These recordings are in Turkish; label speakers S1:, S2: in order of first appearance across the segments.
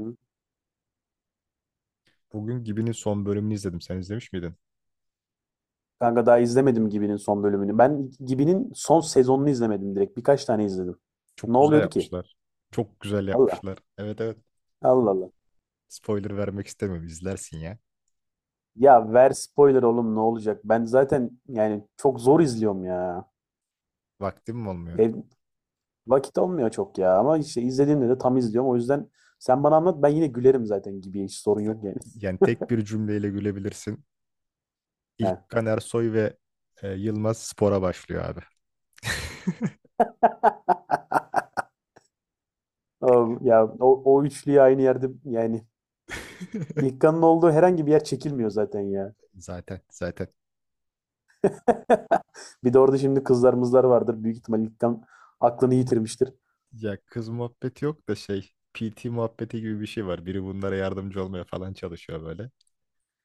S1: Hı.
S2: Bugün Gibi'nin son bölümünü izledim. Sen izlemiş miydin?
S1: Kanka daha izlemedim Gibi'nin son bölümünü. Ben Gibi'nin son sezonunu izlemedim direkt. Birkaç tane izledim.
S2: Çok
S1: Ne
S2: güzel
S1: oluyordu ki?
S2: yapmışlar. Çok güzel
S1: Allah.
S2: yapmışlar. Evet, evet.
S1: Allah Allah.
S2: Spoiler vermek istemiyorum. İzlersin ya.
S1: Ya ver spoiler oğlum, ne olacak? Ben zaten yani çok zor izliyorum ya.
S2: Vaktim mi olmuyor?
S1: Ev, Vakit olmuyor çok ya. Ama işte izlediğimde de tam izliyorum. O yüzden sen bana anlat, ben yine gülerim zaten Gibi'ye. Hiç sorun yok yani.
S2: Yani tek bir cümleyle gülebilirsin.
S1: He.
S2: İlk Kan Ersoy ve Yılmaz spora başlıyor abi.
S1: Ya o üçlüyü aynı yerde yani İlkan'ın olduğu herhangi bir yer çekilmiyor zaten ya.
S2: Zaten.
S1: Bir de orada şimdi kızlarımızlar vardır. Büyük ihtimal İlkan aklını yitirmiştir.
S2: Ya kız muhabbeti yok da şey PT muhabbeti gibi bir şey var. Biri bunlara yardımcı olmaya falan çalışıyor böyle.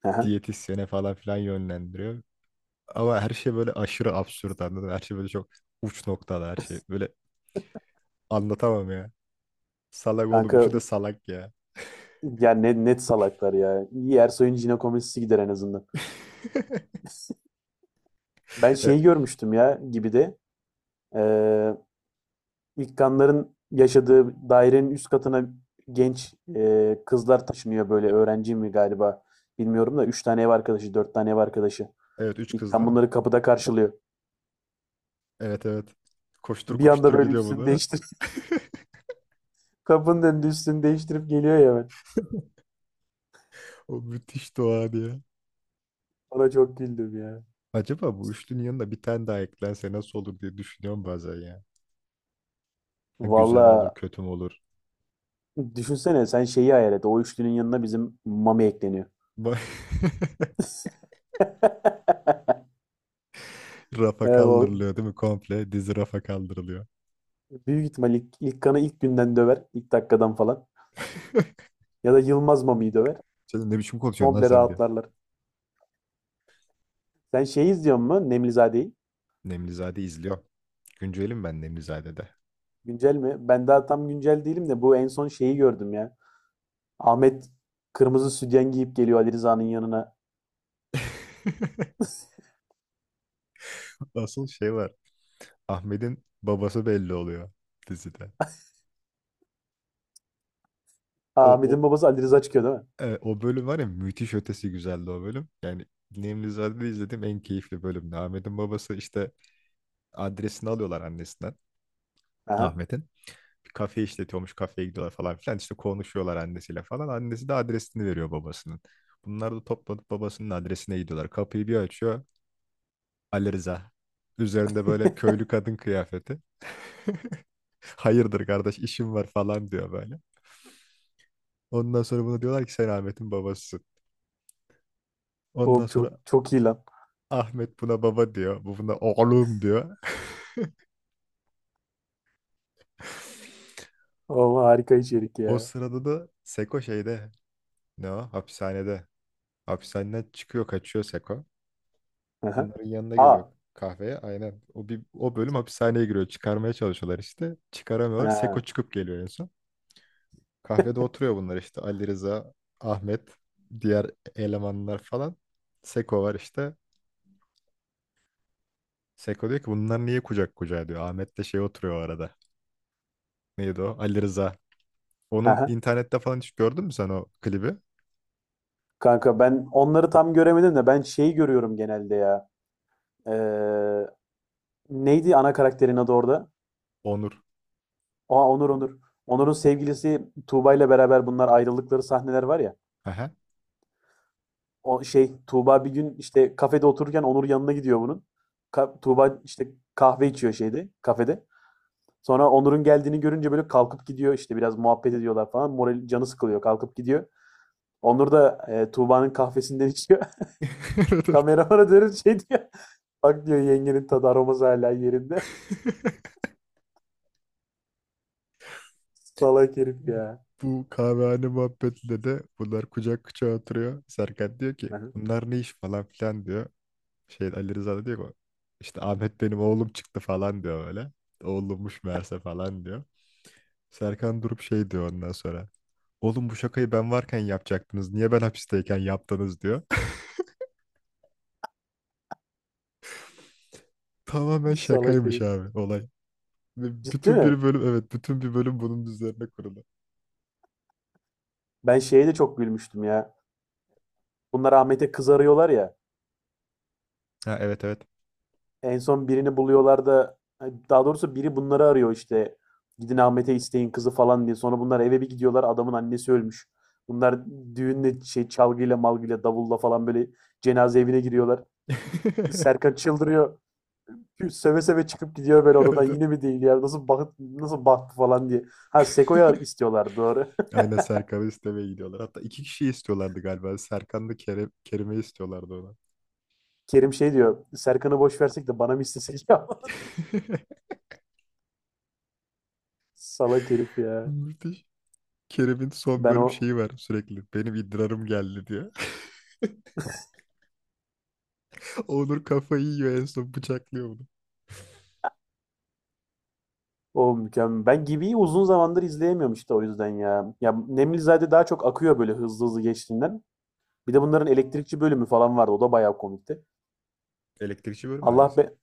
S1: Hı.
S2: Diyetisyene falan filan yönlendiriyor. Ama her şey böyle aşırı absürt, anladın mı? Her şey böyle çok uç noktada her şey. Böyle anlatamam ya. Salak oğlum.
S1: Kanka
S2: Üçü de salak ya.
S1: yani ne, net salaklar ya. İyi, Ersoy'un jinekomastisi gider en azından. Ben
S2: E,
S1: şeyi görmüştüm ya gibi de eee İlkanların yaşadığı dairenin üst katına genç kızlar taşınıyor, böyle öğrenci mi galiba bilmiyorum da, 3 tane ev arkadaşı, 4 tane ev arkadaşı.
S2: evet, üç kız
S1: İlkan
S2: değil mi?
S1: bunları kapıda karşılıyor.
S2: Evet, evet. Koştur
S1: Bir anda
S2: koştur
S1: böyle
S2: gidiyor
S1: üstünü
S2: bunlara.
S1: değiştirip kapının önünde üstünü değiştirip geliyor ya ben.
S2: O müthiş doğa ya.
S1: Ona çok güldüm ya.
S2: Acaba bu üçlünün yanında bir tane daha eklense nasıl olur diye düşünüyorum bazen ya. Ha, güzel mi olur
S1: Valla,
S2: kötü mü olur?
S1: düşünsene, sen şeyi hayal et. O üçlünün yanına bizim Mami ekleniyor.
S2: Ba- Rafa
S1: Evet, o
S2: kaldırılıyor değil mi? Komple dizi rafa kaldırılıyor.
S1: büyük ihtimal ilk kanı ilk günden döver. İlk dakikadan falan. Ya da Yılmaz Mami'yi döver.
S2: Sen ne biçim konuşuyorsun lan
S1: Komple
S2: sen diye.
S1: rahatlarlar. Sen şeyi izliyor musun? Nemlizade'yi.
S2: Nemlizade izliyor. Güncelim ben Nemlizade'de.
S1: Güncel mi? Ben daha tam güncel değilim de bu en son şeyi gördüm ya. Ahmet kırmızı sütyen giyip geliyor Ali Rıza'nın yanına.
S2: Asıl şey var. Ahmet'in babası belli oluyor dizide. O
S1: Aa,
S2: o
S1: Ahmet'in babası Ali Rıza çıkıyor değil mi?
S2: o bölüm var ya, müthiş ötesi güzeldi o bölüm. Yani Nemlizade'de izlediğim en keyifli bölümdü. Ahmet'in babası işte adresini alıyorlar annesinden
S1: Aha.
S2: Ahmet'in. Bir kafe işletiyormuş, kafeye gidiyorlar falan filan. İşte konuşuyorlar annesiyle falan. Annesi de adresini veriyor babasının. Bunlar da toplanıp babasının adresine gidiyorlar. Kapıyı bir açıyor Ali Rıza. Üzerinde böyle köylü kadın kıyafeti. Hayırdır kardeş, işim var falan diyor böyle. Ondan sonra buna diyorlar ki sen Ahmet'in babasısın. Ondan
S1: Oğlum çok
S2: sonra
S1: çok iyi lan.
S2: Ahmet buna baba diyor. Bu buna oğlum diyor.
S1: Oğlum, harika içerik
S2: O
S1: ya.
S2: sırada da Seko şeyde, ne o? Hapishanede. Hapishaneden çıkıyor, kaçıyor Seko.
S1: Aha.
S2: Bunların yanına geliyor
S1: Aa.
S2: kahveye, aynen. O bölüm hapishaneye giriyor. Çıkarmaya çalışıyorlar işte. Çıkaramıyorlar. Seko
S1: Ha.
S2: çıkıp geliyor en son. Kahvede oturuyor bunlar işte. Ali Rıza, Ahmet, diğer elemanlar falan. Seko var işte. Seko diyor ki bunlar niye kucak kucağa diyor. Ahmet de şey oturuyor o arada. Neydi o? Ali Rıza. Onun
S1: Aha.
S2: internette falan hiç gördün mü sen o klibi?
S1: Kanka, ben onları tam göremedim de ben şeyi görüyorum genelde ya. Ee, Neydi ana karakterin adı orada?
S2: Onur.
S1: Aa, Onur. Onur. Onur'un sevgilisi Tuğba ile beraber bunlar ayrıldıkları sahneler var ya.
S2: Aha.
S1: O şey, Tuğba bir gün işte kafede otururken Onur yanına gidiyor bunun. Tuğba işte kahve içiyor şeyde, kafede. Sonra Onur'un geldiğini görünce böyle kalkıp gidiyor, işte biraz muhabbet ediyorlar falan. Moral, canı sıkılıyor, kalkıp gidiyor. Onur da Tuğba'nın kahvesinden içiyor. Kameramana dönüp şey diyor. Bak, diyor, yengenin tadı aroması hala yerinde. Salak herif ya.
S2: Bu kahvehane muhabbetinde de bunlar kucak kucağa oturuyor. Serkan diyor ki bunlar ne iş falan filan diyor. Şey, Ali Rıza da diyor ki işte Ahmet benim oğlum çıktı falan diyor öyle. Oğlummuş meğerse falan diyor. Serkan durup şey diyor ondan sonra. Oğlum bu şakayı ben varken yapacaktınız. Niye ben hapisteyken yaptınız diyor. Tamamen
S1: Salak
S2: şakaymış
S1: herif.
S2: abi olay. Ve
S1: Ciddi
S2: bütün
S1: mi?
S2: bir bölüm, evet bütün bir bölüm bunun üzerine kurulu.
S1: Ben şeye de çok gülmüştüm ya. Bunlar Ahmet'e kız arıyorlar ya.
S2: Ha, evet evet.
S1: En son birini buluyorlar da, daha doğrusu biri bunları arıyor işte. Gidin Ahmet'e isteyin kızı falan diye. Sonra bunlar eve bir gidiyorlar, adamın annesi ölmüş. Bunlar düğünle, şey, çalgıyla malgıyla davulla falan böyle cenaze evine giriyorlar. Serkan çıldırıyor. Seve seve çıkıp gidiyor böyle
S2: Evet,
S1: odadan,
S2: evet.
S1: yine mi değil ya, nasıl bak, nasıl baktı falan diye. Ha, Seko'ya istiyorlar, doğru.
S2: Aynen, Serkan'ı istemeye gidiyorlar. Hatta iki kişiyi istiyorlardı galiba. Serkan'la Kerem, Kerim'i istiyorlardı ona.
S1: Kerim şey diyor, Serkan'ı boş versek de bana mı istesek ya? Salak herif ya.
S2: Müthiş. Kerem'in son
S1: Ben
S2: bölüm
S1: o
S2: şeyi var sürekli. Benim idrarım geldi diyor. Onur kafayı yiyor, en son bıçaklıyor bunu.
S1: O mükemmel. Ben Gibi'yi uzun zamandır izleyemiyorum işte, o yüzden ya. Ya Nemlizade daha çok akıyor böyle, hızlı hızlı geçtiğinden. Bir de bunların elektrikçi bölümü falan vardı. O da bayağı komikti.
S2: Elektrikçi bölümü
S1: Allah
S2: hangisi?
S1: be.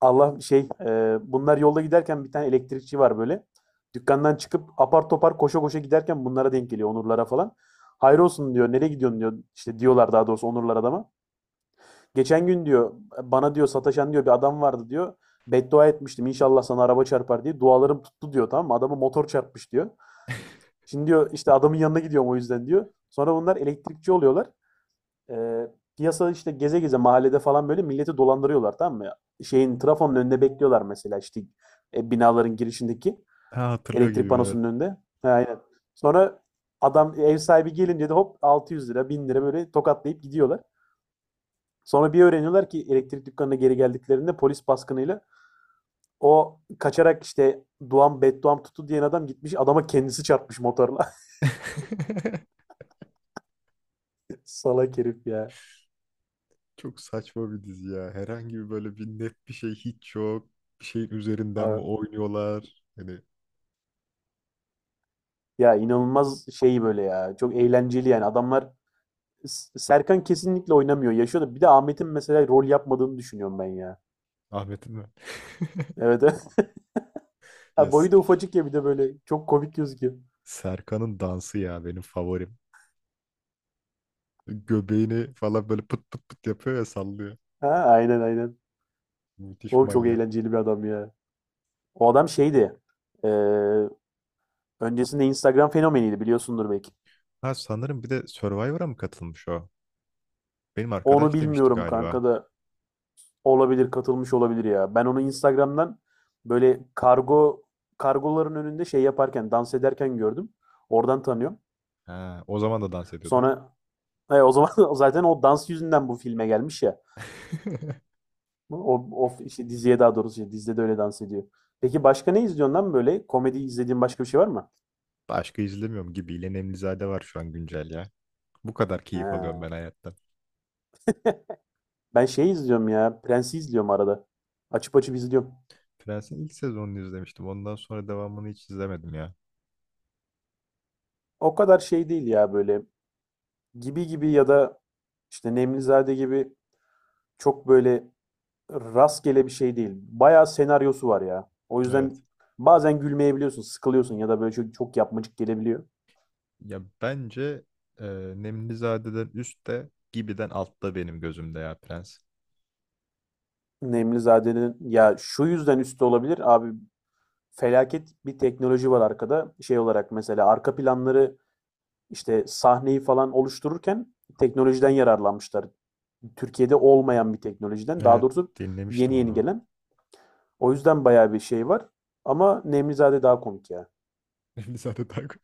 S1: Allah, şey, bunlar yolda giderken bir tane elektrikçi var böyle. Dükkandan çıkıp apar topar koşa koşa giderken bunlara denk geliyor, Onurlara falan. Hayır olsun, diyor. Nereye gidiyorsun, diyor. İşte diyorlar, daha doğrusu Onurlar adama. Geçen gün, diyor, bana, diyor, sataşan, diyor, bir adam vardı, diyor. Beddua etmiştim, inşallah sana araba çarpar diye. Dualarım tuttu, diyor, tamam mı? Adamı motor çarpmış, diyor. Şimdi, diyor, işte adamın yanına gidiyorum o yüzden, diyor. Sonra bunlar elektrikçi oluyorlar. Eee, Piyasada işte geze geze mahallede falan böyle milleti dolandırıyorlar, tamam mı? Şeyin, trafonun önünde bekliyorlar mesela, işte binaların girişindeki
S2: Ha, hatırlıyor
S1: elektrik
S2: gibiyim evet.
S1: panosunun önünde. Ha, aynen. Sonra adam, ev sahibi gelince de hop 600 lira, 1.000 lira böyle tokatlayıp gidiyorlar. Sonra bir öğreniyorlar ki elektrik dükkanına geri geldiklerinde polis baskınıyla o kaçarak işte, Bedduam tuttu diyen adam gitmiş adama, kendisi çarpmış motorla. Salak herif ya.
S2: Çok saçma bir dizi ya. Herhangi bir böyle bir net bir şey hiç yok. Bir şeyin üzerinden mi
S1: Abi,
S2: oynuyorlar? Hani
S1: ya inanılmaz şey böyle ya. Çok eğlenceli yani. Adamlar, Serkan kesinlikle oynamıyor. Yaşıyor. Da bir de Ahmet'in mesela rol yapmadığını düşünüyorum ben ya.
S2: Ahmet'in mi?
S1: Evet. Evet. Ha,
S2: Yes.
S1: boyu da ufacık ya bir de böyle. Çok komik gözüküyor.
S2: Serkan'ın dansı ya benim favorim. Göbeğini falan böyle pıt pıt pıt yapıyor ya, sallıyor.
S1: Ha, aynen aynen.
S2: Müthiş
S1: Oğlum çok
S2: manyak.
S1: eğlenceli bir adam ya. O adam şeydi. e, Öncesinde Instagram fenomeniydi, biliyorsundur belki.
S2: Ha sanırım bir de Survivor'a mı katılmış o? Benim
S1: Onu
S2: arkadaş demişti
S1: bilmiyorum kanka
S2: galiba.
S1: da, olabilir, katılmış olabilir ya. Ben onu Instagram'dan böyle kargoların önünde şey yaparken, dans ederken gördüm. Oradan tanıyorum.
S2: Ha, o zaman da dans ediyordu, ha.
S1: Sonra o zaman zaten o dans yüzünden bu filme gelmiş ya. O işte diziye, daha doğrusu şey, dizide de öyle dans ediyor. Peki başka ne izliyorsun lan böyle? Komedi izlediğin başka bir şey var mı?
S2: Başka izlemiyorum gibi. İlen Emlizade var şu an güncel ya. Bu kadar
S1: He.
S2: keyif alıyorum ben hayattan.
S1: Ben şey izliyorum ya. Prens'i izliyorum arada. Açıp açıp izliyorum.
S2: Prens'in ilk sezonunu izlemiştim. Ondan sonra devamını hiç izlemedim ya.
S1: O kadar şey değil ya böyle. Gibi gibi ya da işte Nemlizade gibi çok böyle rastgele bir şey değil. Bayağı senaryosu var ya. O
S2: Evet.
S1: yüzden bazen gülmeyebiliyorsun, sıkılıyorsun, ya da böyle çok, çok yapmacık gelebiliyor.
S2: Ya bence e, Nemlizade'den üstte, Gibi'den altta benim gözümde ya Prens.
S1: Nemlizade'nin ya şu yüzden üstü olabilir abi, felaket bir teknoloji var arkada. Şey olarak mesela arka planları, işte sahneyi falan oluştururken teknolojiden yararlanmışlar. Türkiye'de olmayan bir teknolojiden. Daha
S2: Evet,
S1: doğrusu
S2: dinlemiştim
S1: yeni yeni
S2: onu.
S1: gelen. O yüzden bayağı bir şey var. Ama Nemlizade daha komik ya.
S2: Nemlizade daha ko-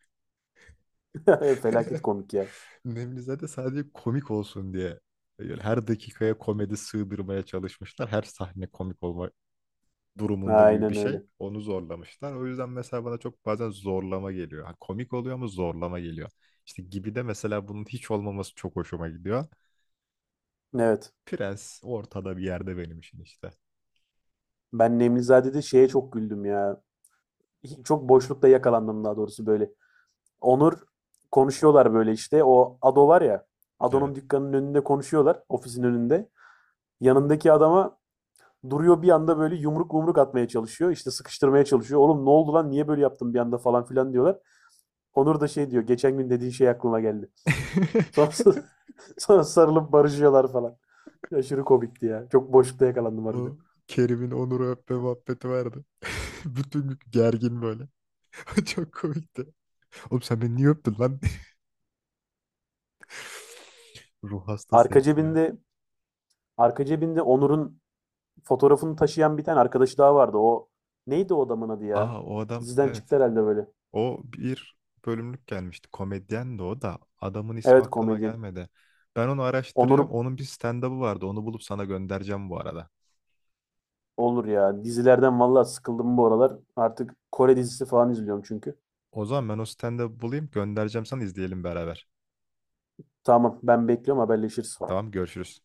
S1: Felaket komik ya.
S2: Nemlizade sadece komik olsun diye. Yani her dakikaya komedi sığdırmaya çalışmışlar. Her sahne komik olma durumunda gibi bir
S1: Aynen
S2: şey.
S1: öyle.
S2: Onu zorlamışlar. O yüzden mesela bana çok bazen zorlama geliyor. Ha, komik oluyor ama zorlama geliyor. İşte Gibi'de mesela bunun hiç olmaması çok hoşuma gidiyor.
S1: Evet.
S2: Prens ortada bir yerde benim için işte.
S1: Ben Nemlizade'de şeye çok güldüm ya. Çok boşlukta yakalandım daha doğrusu böyle. Onur, konuşuyorlar böyle işte. O Ado var ya. Ado'nun
S2: Evet.
S1: dükkanının önünde konuşuyorlar. Ofisin önünde. Yanındaki adama duruyor bir anda böyle, yumruk yumruk atmaya çalışıyor. İşte sıkıştırmaya çalışıyor. Oğlum ne oldu lan, niye böyle yaptın bir anda falan filan diyorlar. Onur da şey diyor, geçen gün dediğin şey aklıma geldi. Sonra, sonra sarılıp barışıyorlar falan. Aşırı komikti ya. Çok
S2: O,
S1: boşlukta yakalandım harbiden.
S2: o Kerim'in Onur'u öpme muhabbeti vardı. Bütün gün gergin böyle. Çok komikti. Oğlum sen beni niye öptün lan? Ruh hastası
S1: Arka
S2: hepsi ya.
S1: cebinde arka cebinde Onur'un fotoğrafını taşıyan bir tane arkadaşı daha vardı. O, neydi o adamın adı
S2: Aa,
S1: ya?
S2: o adam
S1: Diziden
S2: evet.
S1: çıktı herhalde böyle.
S2: O bir bölümlük gelmişti. Komedyen de o da. Adamın ismi
S1: Evet,
S2: aklıma
S1: komedyen.
S2: gelmedi. Ben onu araştıracağım.
S1: Onur,
S2: Onun bir stand-up'ı vardı. Onu bulup sana göndereceğim bu arada.
S1: olur ya. Dizilerden vallahi sıkıldım bu aralar. Artık Kore dizisi falan izliyorum çünkü.
S2: O zaman ben o stand-up'ı bulayım, göndereceğim sana, izleyelim beraber.
S1: Tamam, ben bekliyorum, haberleşiriz.
S2: Tamam, görüşürüz.